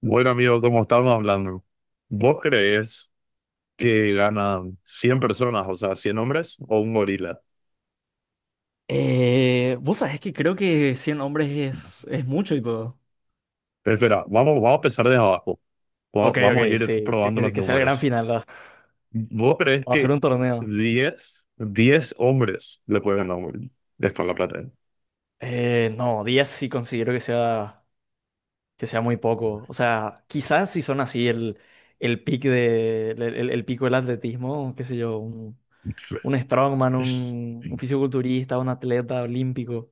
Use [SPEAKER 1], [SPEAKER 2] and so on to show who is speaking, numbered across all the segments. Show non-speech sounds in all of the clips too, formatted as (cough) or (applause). [SPEAKER 1] Bueno, amigo, como estábamos hablando, ¿vos creés que ganan 100 personas, o sea, 100 hombres o un gorila?
[SPEAKER 2] Vos sabés que creo que 100 hombres es mucho y todo.
[SPEAKER 1] Espera, vamos, vamos a empezar desde abajo.
[SPEAKER 2] Ok,
[SPEAKER 1] Vamos a
[SPEAKER 2] ok,
[SPEAKER 1] ir
[SPEAKER 2] sí. Que,
[SPEAKER 1] probando
[SPEAKER 2] que-
[SPEAKER 1] los
[SPEAKER 2] que sea el gran
[SPEAKER 1] números.
[SPEAKER 2] final, ¿verdad?
[SPEAKER 1] ¿Vos creés
[SPEAKER 2] Vamos a hacer
[SPEAKER 1] que
[SPEAKER 2] un torneo.
[SPEAKER 1] diez hombres le pueden ganar a un gorila? Es por la plata.
[SPEAKER 2] No, 10 sí considero que sea muy poco. O sea, quizás si son así el pic de, el pico del atletismo, qué sé yo, un strongman, un fisiculturista, un atleta olímpico.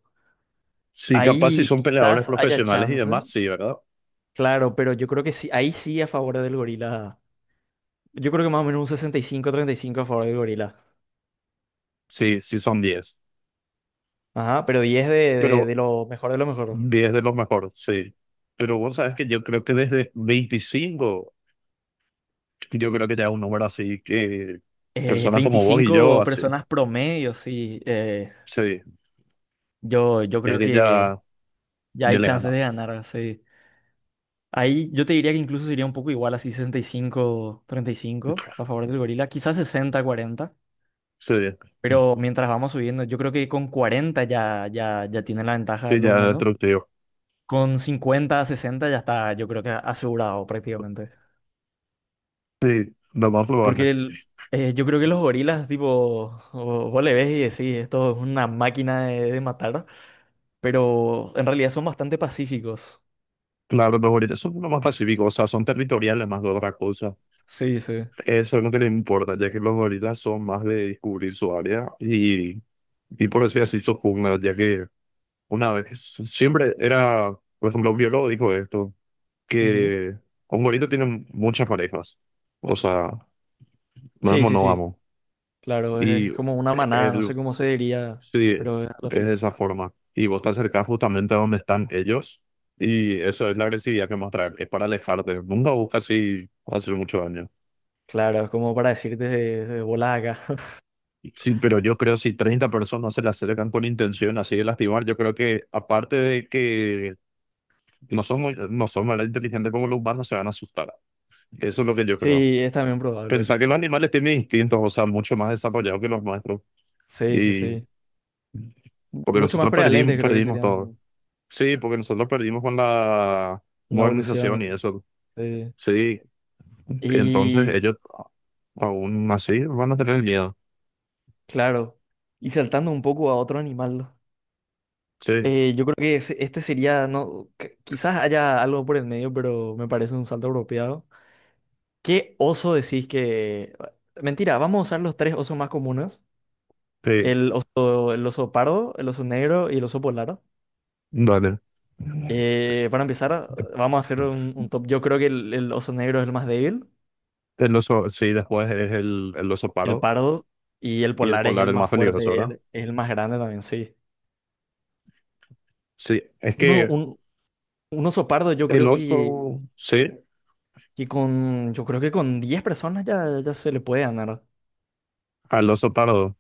[SPEAKER 1] Sí, capaz si
[SPEAKER 2] Ahí
[SPEAKER 1] son peleadores
[SPEAKER 2] quizás haya
[SPEAKER 1] profesionales y
[SPEAKER 2] chance,
[SPEAKER 1] demás, sí, ¿verdad?
[SPEAKER 2] claro, pero yo creo que sí, ahí sí a favor del gorila. Yo creo que más o menos un 65-35 a favor del gorila.
[SPEAKER 1] Sí, sí son 10,
[SPEAKER 2] Ajá, pero 10 de
[SPEAKER 1] pero
[SPEAKER 2] lo mejor de lo mejor.
[SPEAKER 1] 10 de los mejores, sí. Pero vos sabes que yo creo que desde 25, yo creo que ya es un número así que personas como vos y yo,
[SPEAKER 2] 25
[SPEAKER 1] así,
[SPEAKER 2] personas promedio, sí. eh,
[SPEAKER 1] sí,
[SPEAKER 2] yo, yo creo
[SPEAKER 1] desde
[SPEAKER 2] que
[SPEAKER 1] ya,
[SPEAKER 2] ya
[SPEAKER 1] ya
[SPEAKER 2] hay
[SPEAKER 1] le
[SPEAKER 2] chances
[SPEAKER 1] ganamos.
[SPEAKER 2] de ganar. Sí. Ahí yo te diría que incluso sería un poco igual, así 65-35 a favor del gorila. Quizás 60 cuarenta.
[SPEAKER 1] Sí,
[SPEAKER 2] Pero mientras vamos subiendo, yo creo que con 40 ya tienen la ventaja
[SPEAKER 1] sí,
[SPEAKER 2] los
[SPEAKER 1] ya es
[SPEAKER 2] humanos.
[SPEAKER 1] destructivo.
[SPEAKER 2] Con 50 60 ya está, yo creo que asegurado prácticamente.
[SPEAKER 1] Sí, lo más probable.
[SPEAKER 2] Porque el- yo creo que los gorilas, tipo, vos le ves y decís, esto es una máquina de matar, pero en realidad son bastante pacíficos.
[SPEAKER 1] Claro, los gorilas son lo más pacíficos, o sea, son territoriales más que otra cosa.
[SPEAKER 2] Sí, sí.
[SPEAKER 1] Eso es lo que les importa, ya que los gorilas son más de descubrir su área y por así decir, su jungla, ya que una vez, siempre era, por ejemplo, un biólogo dijo esto,
[SPEAKER 2] Ujú.
[SPEAKER 1] que un gorila tiene muchas parejas, o sea, no es
[SPEAKER 2] Sí, sí, sí.
[SPEAKER 1] monógamo,
[SPEAKER 2] Claro, es,
[SPEAKER 1] y
[SPEAKER 2] es como una manada, no
[SPEAKER 1] él,
[SPEAKER 2] sé cómo se diría,
[SPEAKER 1] sí, es
[SPEAKER 2] pero es algo así.
[SPEAKER 1] de esa forma, y vos te acercás justamente a donde están ellos, y eso es la agresividad que mostrar, es para alejarte, nunca buscas si va a hacer mucho daño.
[SPEAKER 2] Claro, es como para decirte de bola acá. (laughs)
[SPEAKER 1] Sí, pero yo creo si 30 personas se le acercan con intención así de lastimar, yo creo que aparte de que no son más inteligentes como los humanos, se van a asustar. Eso es lo que yo creo.
[SPEAKER 2] Sí, es también probable.
[SPEAKER 1] Pensar que los animales tienen instintos, o sea, mucho más desarrollados que los nuestros.
[SPEAKER 2] Sí, sí,
[SPEAKER 1] Y
[SPEAKER 2] sí. M-
[SPEAKER 1] porque
[SPEAKER 2] Mucho más
[SPEAKER 1] nosotros perdimos,
[SPEAKER 2] prevalentes creo que
[SPEAKER 1] perdimos
[SPEAKER 2] serían,
[SPEAKER 1] todo.
[SPEAKER 2] ¿no?
[SPEAKER 1] Sí, porque nosotros perdimos con la
[SPEAKER 2] En la evolución. Y,
[SPEAKER 1] modernización y eso.
[SPEAKER 2] sí.
[SPEAKER 1] Sí, entonces
[SPEAKER 2] Y,
[SPEAKER 1] ellos aún así van a tener miedo.
[SPEAKER 2] claro, y saltando un poco a otro animal.
[SPEAKER 1] Sí,
[SPEAKER 2] Yo creo que este sería, no, quizás haya algo por el medio, pero me parece un salto apropiado. ¿Qué oso decís que... Mentira, vamos a usar los tres osos más comunes.
[SPEAKER 1] sí,
[SPEAKER 2] El oso pardo, el oso negro y el oso polar.
[SPEAKER 1] dale.
[SPEAKER 2] Para empezar, vamos a hacer un top. Yo creo que el oso negro es el más débil,
[SPEAKER 1] El oso, sí, después es el oso
[SPEAKER 2] el
[SPEAKER 1] paro
[SPEAKER 2] pardo y el
[SPEAKER 1] y el
[SPEAKER 2] polar es
[SPEAKER 1] polar
[SPEAKER 2] el
[SPEAKER 1] el
[SPEAKER 2] más
[SPEAKER 1] más peligroso,
[SPEAKER 2] fuerte,
[SPEAKER 1] ¿verdad?
[SPEAKER 2] es el más grande también, sí.
[SPEAKER 1] Sí, es
[SPEAKER 2] Uno,
[SPEAKER 1] que
[SPEAKER 2] un, un oso pardo yo
[SPEAKER 1] el
[SPEAKER 2] creo que,
[SPEAKER 1] oso, sí,
[SPEAKER 2] que con, yo creo que con 10 personas ya se le puede ganar.
[SPEAKER 1] al oso pardo.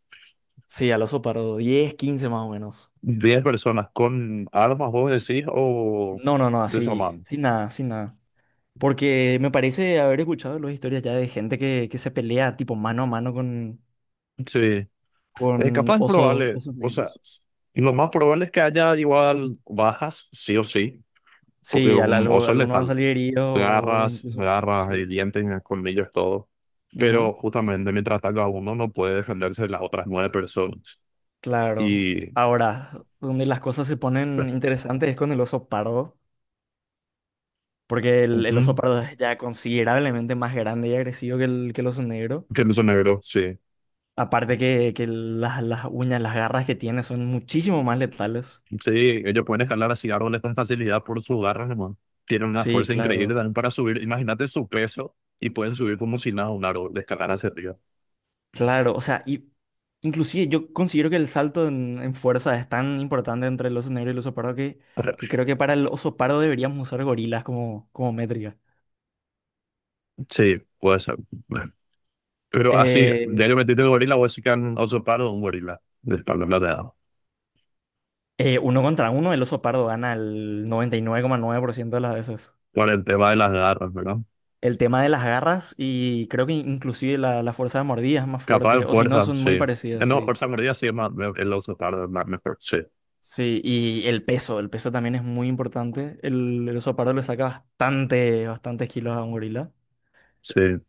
[SPEAKER 2] Sí, al oso pardo, 10, 15 más o menos.
[SPEAKER 1] 10 personas con armas, vos decís, o
[SPEAKER 2] No, no, no, así,
[SPEAKER 1] desarmando.
[SPEAKER 2] sin nada, sin nada. Porque me parece haber escuchado las historias ya de gente que se pelea tipo mano a mano con,
[SPEAKER 1] Sí.
[SPEAKER 2] con
[SPEAKER 1] Capaz
[SPEAKER 2] osos,
[SPEAKER 1] probable,
[SPEAKER 2] osos
[SPEAKER 1] o sea,
[SPEAKER 2] negros.
[SPEAKER 1] lo más probable es que haya igual bajas, sí o sí, porque
[SPEAKER 2] Sí, al-
[SPEAKER 1] un
[SPEAKER 2] algo-
[SPEAKER 1] oso es
[SPEAKER 2] algunos van a
[SPEAKER 1] letal.
[SPEAKER 2] salir heridos o
[SPEAKER 1] Garras,
[SPEAKER 2] incluso...
[SPEAKER 1] garras
[SPEAKER 2] sí.
[SPEAKER 1] y dientes, y colmillos, todo. Pero
[SPEAKER 2] Ujú,
[SPEAKER 1] justamente mientras ataca a uno, no puede defenderse las otras nueve personas.
[SPEAKER 2] claro.
[SPEAKER 1] Y.
[SPEAKER 2] Ahora, donde las cosas se ponen
[SPEAKER 1] bueno.
[SPEAKER 2] interesantes es con el oso pardo, porque el oso
[SPEAKER 1] Ujú.
[SPEAKER 2] pardo es ya considerablemente más grande y agresivo que el oso negro.
[SPEAKER 1] Que no son negros, sí.
[SPEAKER 2] Aparte que las uñas, las garras que tiene son muchísimo más letales.
[SPEAKER 1] Sí, ellos pueden escalar así árboles con facilidad por sus garras, hermano. Tienen una
[SPEAKER 2] Sí,
[SPEAKER 1] fuerza increíble también
[SPEAKER 2] claro,
[SPEAKER 1] para subir. Imagínate su peso y pueden subir como si nada un árbol, de escalar hacia arriba.
[SPEAKER 2] claro. O sea, y inclusive yo considero que el salto en fuerza es tan importante entre el oso negro y el oso pardo que
[SPEAKER 1] (laughs)
[SPEAKER 2] creo que para el oso pardo deberíamos usar gorilas como métrica.
[SPEAKER 1] Sí, puede ser. Pero así,
[SPEAKER 2] Eh,
[SPEAKER 1] de ellos metiste el gorila, vos sí que han usurpado un gorila de espalda plateada.
[SPEAKER 2] Uno contra uno, el oso pardo gana el 99,9% de las veces.
[SPEAKER 1] Por el tema de las garras, ¿verdad?
[SPEAKER 2] El tema de las garras y creo que inclusive la fuerza de mordida es más
[SPEAKER 1] Capaz
[SPEAKER 2] fuerte,
[SPEAKER 1] en
[SPEAKER 2] o si no,
[SPEAKER 1] fuerza,
[SPEAKER 2] son
[SPEAKER 1] sí.
[SPEAKER 2] muy parecidas,
[SPEAKER 1] No,
[SPEAKER 2] sí.
[SPEAKER 1] fuerza mordida sí es más, el oso pardo es más mejor, sí.
[SPEAKER 2] Sí, y el peso también es muy importante. El oso pardo le saca bastante, bastantes kilos a un gorila.
[SPEAKER 1] Sí.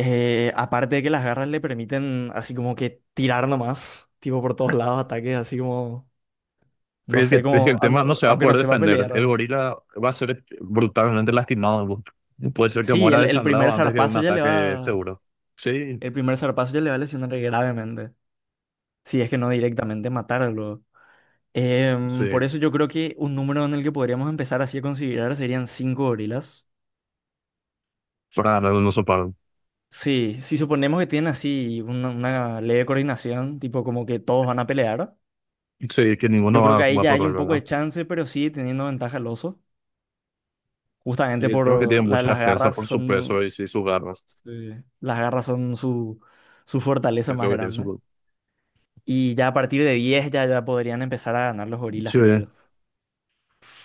[SPEAKER 2] Aparte de que las garras le permiten así como que tirar nomás, tipo por todos lados, ataques así como,
[SPEAKER 1] Pero
[SPEAKER 2] no
[SPEAKER 1] Es que,
[SPEAKER 2] sé,
[SPEAKER 1] es que
[SPEAKER 2] como,
[SPEAKER 1] el
[SPEAKER 2] a-
[SPEAKER 1] tema no
[SPEAKER 2] no-
[SPEAKER 1] se va a
[SPEAKER 2] aunque no
[SPEAKER 1] poder
[SPEAKER 2] sepa
[SPEAKER 1] defender. El
[SPEAKER 2] pelear.
[SPEAKER 1] gorila va a ser brutalmente lastimado. Puede ser que
[SPEAKER 2] Sí,
[SPEAKER 1] muera desangrado antes que un ataque seguro. Sí,
[SPEAKER 2] el primer zarpazo ya le va a lesionar gravemente. Si es que no directamente matarlo.
[SPEAKER 1] sí,
[SPEAKER 2] Por eso yo creo que un número en el que podríamos empezar así a considerar serían cinco gorilas.
[SPEAKER 1] para ganar un oso pardo.
[SPEAKER 2] Sí, si suponemos que tienen así una leve coordinación, tipo como que todos van a pelear,
[SPEAKER 1] Sí, que ninguno
[SPEAKER 2] yo creo
[SPEAKER 1] va,
[SPEAKER 2] que ahí
[SPEAKER 1] va a
[SPEAKER 2] ya hay
[SPEAKER 1] correr,
[SPEAKER 2] un poco
[SPEAKER 1] ¿verdad?
[SPEAKER 2] de chance, pero sí teniendo ventaja el oso, justamente
[SPEAKER 1] Sí, tengo que tiene
[SPEAKER 2] por la-
[SPEAKER 1] mucha
[SPEAKER 2] las
[SPEAKER 1] defensa
[SPEAKER 2] garras
[SPEAKER 1] por su peso
[SPEAKER 2] son,
[SPEAKER 1] y sí, sus garras.
[SPEAKER 2] sí, las garras son su fortaleza
[SPEAKER 1] Es lo
[SPEAKER 2] más
[SPEAKER 1] que tiene
[SPEAKER 2] grande.
[SPEAKER 1] su...
[SPEAKER 2] Y ya a partir de 10 ya podrían empezar a ganar los gorilas,
[SPEAKER 1] Sí,
[SPEAKER 2] creo yo.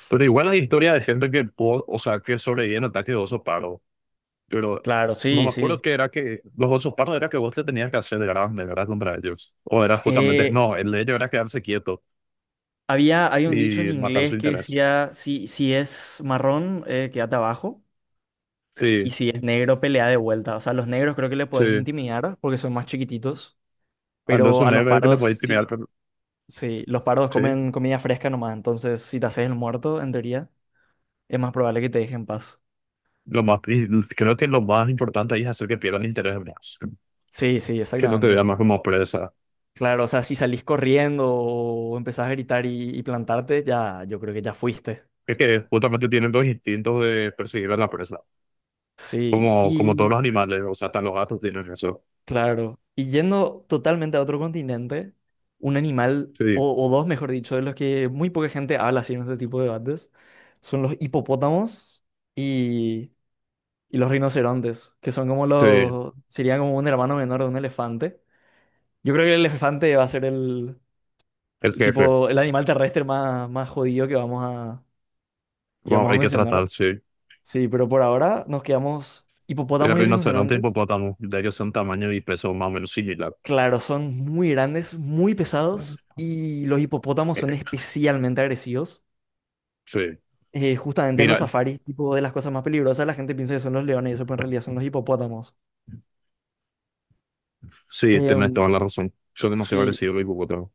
[SPEAKER 1] pero igual hay historia de gente que pudo, o sea, que sobrevive en ataque de oso pardo. Pero
[SPEAKER 2] Claro,
[SPEAKER 1] no me
[SPEAKER 2] sí,
[SPEAKER 1] acuerdo
[SPEAKER 2] sí.
[SPEAKER 1] que era que los osos pardos era que vos te tenías que hacer grande, ¿verdad? Contra ellos. O era justamente,
[SPEAKER 2] Eh,
[SPEAKER 1] no, el de ellos era quedarse quieto.
[SPEAKER 2] hay un dicho en
[SPEAKER 1] Y matar su
[SPEAKER 2] inglés que
[SPEAKER 1] interés.
[SPEAKER 2] decía, si es marrón, quédate abajo. Y
[SPEAKER 1] Sí,
[SPEAKER 2] si es negro, pelea de vuelta. O sea, a los negros creo que le podés
[SPEAKER 1] sí.
[SPEAKER 2] intimidar porque son más chiquititos. Pero
[SPEAKER 1] Anderson
[SPEAKER 2] a los
[SPEAKER 1] Neve es el que le
[SPEAKER 2] pardos,
[SPEAKER 1] puede intimidar,
[SPEAKER 2] sí,
[SPEAKER 1] pero
[SPEAKER 2] sí, los pardos
[SPEAKER 1] sí.
[SPEAKER 2] comen comida fresca nomás. Entonces, si te haces el muerto, en teoría, es más probable que te dejen en paz.
[SPEAKER 1] Lo más, y creo que lo más importante ahí es hacer que pierdan el interés en vos,
[SPEAKER 2] Sí, sí,
[SPEAKER 1] que no te
[SPEAKER 2] exactamente.
[SPEAKER 1] vean más como presa.
[SPEAKER 2] Claro, o sea, si salís corriendo o empezás a gritar y, plantarte, ya, yo creo que ya fuiste.
[SPEAKER 1] Es que justamente tienen los instintos de perseguir a la presa,
[SPEAKER 2] Sí.
[SPEAKER 1] como todos
[SPEAKER 2] Y
[SPEAKER 1] los animales, o sea, hasta los gatos tienen eso.
[SPEAKER 2] claro. Y yendo totalmente a otro continente, un animal,
[SPEAKER 1] Sí,
[SPEAKER 2] o dos, mejor dicho, de los que muy poca gente habla así en este tipo de debates, son los hipopótamos y, los rinocerontes, que son como
[SPEAKER 1] sí,
[SPEAKER 2] los, serían como un hermano menor de un elefante. Yo creo que el elefante va a ser el,
[SPEAKER 1] el
[SPEAKER 2] el
[SPEAKER 1] jefe.
[SPEAKER 2] tipo, el animal terrestre más jodido que vamos a, que
[SPEAKER 1] Bueno,
[SPEAKER 2] vamos a
[SPEAKER 1] hay que
[SPEAKER 2] mencionar.
[SPEAKER 1] tratar, sí.
[SPEAKER 2] Sí, pero por ahora nos quedamos
[SPEAKER 1] El
[SPEAKER 2] hipopótamos y
[SPEAKER 1] rinoceronte y
[SPEAKER 2] rinocerontes.
[SPEAKER 1] hipopótamo, de ellos son tamaño y peso más o menos similar.
[SPEAKER 2] Claro, son muy grandes, muy pesados y los hipopótamos
[SPEAKER 1] Eh,
[SPEAKER 2] son especialmente agresivos.
[SPEAKER 1] Sí,
[SPEAKER 2] Justamente en los
[SPEAKER 1] mira,
[SPEAKER 2] safaris, tipo de las cosas más peligrosas, la gente piensa que son los leones y eso, pero en realidad son los hipopótamos.
[SPEAKER 1] sí, tenés
[SPEAKER 2] Em,
[SPEAKER 1] toda la razón. Son demasiado
[SPEAKER 2] sí,
[SPEAKER 1] agresivos los hipopótamos.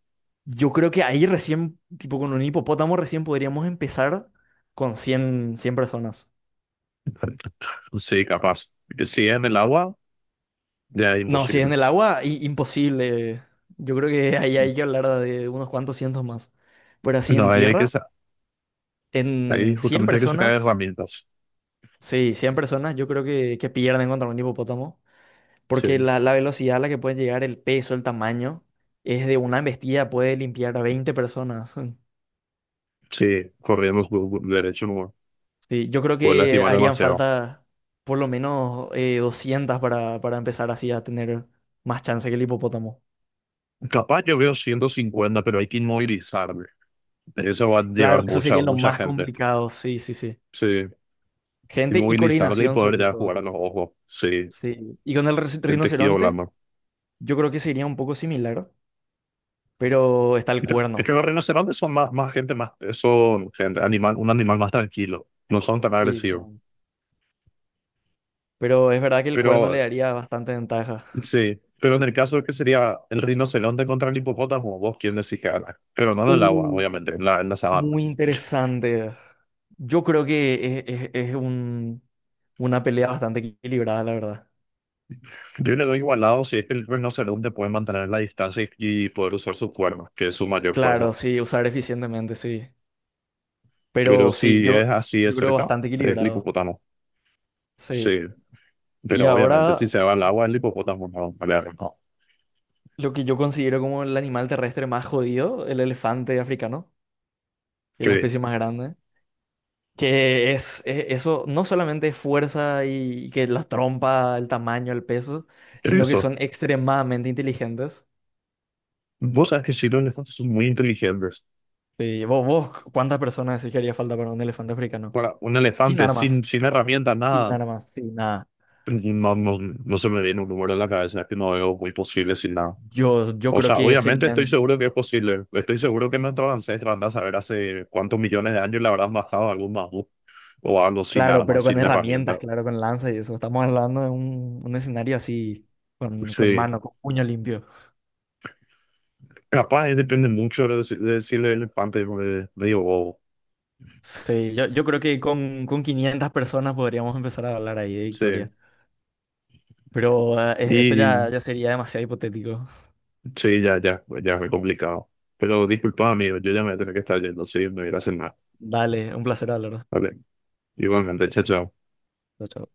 [SPEAKER 2] yo creo que ahí recién, tipo con un hipopótamo recién podríamos empezar con cien personas.
[SPEAKER 1] Sí, capaz. Que si en el agua, ya es
[SPEAKER 2] No, si es en
[SPEAKER 1] imposible.
[SPEAKER 2] el agua, imposible. Yo creo que ahí hay que hablar de unos cuantos cientos más. Pero así
[SPEAKER 1] No,
[SPEAKER 2] en
[SPEAKER 1] ahí hay que
[SPEAKER 2] tierra,
[SPEAKER 1] ahí
[SPEAKER 2] en 100
[SPEAKER 1] justamente hay que sacar
[SPEAKER 2] personas.
[SPEAKER 1] herramientas.
[SPEAKER 2] Sí, 100 personas yo creo que pierden contra un hipopótamo, porque
[SPEAKER 1] Sí,
[SPEAKER 2] la velocidad a la que pueden llegar, el peso, el tamaño, es de una embestida, puede limpiar a 20 personas. (laughs)
[SPEAKER 1] sí, corremos derecho, no
[SPEAKER 2] Sí, yo creo
[SPEAKER 1] puede
[SPEAKER 2] que
[SPEAKER 1] lastimar
[SPEAKER 2] harían
[SPEAKER 1] demasiado.
[SPEAKER 2] falta por lo menos 200 para empezar así a tener más chance que el hipopótamo.
[SPEAKER 1] Capaz yo veo 150 pero hay que inmovilizarle. Eso va a
[SPEAKER 2] Claro,
[SPEAKER 1] llevar
[SPEAKER 2] eso
[SPEAKER 1] mucha,
[SPEAKER 2] sería lo
[SPEAKER 1] mucha
[SPEAKER 2] más
[SPEAKER 1] gente.
[SPEAKER 2] complicado, sí, sí, sí.
[SPEAKER 1] Sí,
[SPEAKER 2] Gente y
[SPEAKER 1] inmovilizarle y
[SPEAKER 2] coordinación
[SPEAKER 1] poder
[SPEAKER 2] sobre
[SPEAKER 1] ya jugar a
[SPEAKER 2] todo,
[SPEAKER 1] los ojos. Sí,
[SPEAKER 2] sí. Y con el ri-
[SPEAKER 1] el tejido
[SPEAKER 2] rinoceronte,
[SPEAKER 1] blando.
[SPEAKER 2] yo creo que sería un poco similar, pero está el
[SPEAKER 1] Es
[SPEAKER 2] cuerno,
[SPEAKER 1] que los rinocerontes son más, más gente, más, son gente, animal, un animal más tranquilo. No son tan
[SPEAKER 2] sí.
[SPEAKER 1] agresivos.
[SPEAKER 2] Pero es verdad que el cuerno le
[SPEAKER 1] Pero
[SPEAKER 2] daría bastante ventaja.
[SPEAKER 1] sí, pero en el caso que sería el rinoceronte contra el hipopótamo, vos quién decís que gana. Pero no en el agua,
[SPEAKER 2] Uh,
[SPEAKER 1] obviamente, en la, sabana.
[SPEAKER 2] muy interesante. Yo creo que es, una pelea bastante equilibrada, la verdad.
[SPEAKER 1] Yo le doy igualado si es que el rinoceronte puede mantener la distancia y poder usar su cuernos, que es su mayor
[SPEAKER 2] Claro,
[SPEAKER 1] fuerza.
[SPEAKER 2] sí, usar eficientemente, sí.
[SPEAKER 1] Pero
[SPEAKER 2] Pero sí,
[SPEAKER 1] si
[SPEAKER 2] yo,
[SPEAKER 1] es así de
[SPEAKER 2] yo creo
[SPEAKER 1] cerca,
[SPEAKER 2] bastante
[SPEAKER 1] es el
[SPEAKER 2] equilibrado,
[SPEAKER 1] hipopótamo.
[SPEAKER 2] sí.
[SPEAKER 1] Sí,
[SPEAKER 2] Y
[SPEAKER 1] pero obviamente si
[SPEAKER 2] ahora
[SPEAKER 1] se va al agua, el hipopótamo no. Vale, no.
[SPEAKER 2] lo que yo considero como el animal terrestre más jodido, el elefante africano, es
[SPEAKER 1] Sí,
[SPEAKER 2] la especie más grande. Eso no solamente es fuerza y que la trompa, el tamaño, el peso, sino que
[SPEAKER 1] eso.
[SPEAKER 2] son extremadamente inteligentes.
[SPEAKER 1] Vos sabés que sí, los elefantes son muy inteligentes.
[SPEAKER 2] Sí, vos, ¿cuántas personas decís que haría falta para un elefante africano?
[SPEAKER 1] Para un
[SPEAKER 2] Sin
[SPEAKER 1] elefante sin,
[SPEAKER 2] armas,
[SPEAKER 1] sin herramientas,
[SPEAKER 2] sin
[SPEAKER 1] nada.
[SPEAKER 2] armas, sin nada.
[SPEAKER 1] No, no, no se me viene un número en la cabeza, es que no veo muy posible sin nada.
[SPEAKER 2] Yo
[SPEAKER 1] O
[SPEAKER 2] creo
[SPEAKER 1] sea,
[SPEAKER 2] que
[SPEAKER 1] obviamente estoy
[SPEAKER 2] serían,
[SPEAKER 1] seguro que es posible. Estoy seguro que nuestros ancestros andan a saber hace cuántos millones de años le habrán bajado a algún mamut o algo sin
[SPEAKER 2] claro,
[SPEAKER 1] armas,
[SPEAKER 2] pero con
[SPEAKER 1] sin
[SPEAKER 2] herramientas,
[SPEAKER 1] herramientas.
[SPEAKER 2] claro, con lanza y eso. Estamos hablando de un escenario así, con
[SPEAKER 1] Sí.
[SPEAKER 2] mano, con puño limpio.
[SPEAKER 1] Capaz depende mucho de, de si el elefante medio bobo.
[SPEAKER 2] Sí, yo creo que con 500 personas podríamos empezar a hablar ahí de
[SPEAKER 1] Sí.
[SPEAKER 2] victoria. Pero esto ya,
[SPEAKER 1] Y
[SPEAKER 2] ya sería demasiado hipotético.
[SPEAKER 1] sí, ya, ya, ya es muy complicado. Pero disculpa, amigo, yo ya me voy a tener que estar yendo, sí, me voy a ir a cenar.
[SPEAKER 2] Dale, un placer hablar.
[SPEAKER 1] Vale, igualmente, chao, chao.
[SPEAKER 2] Chao, chao.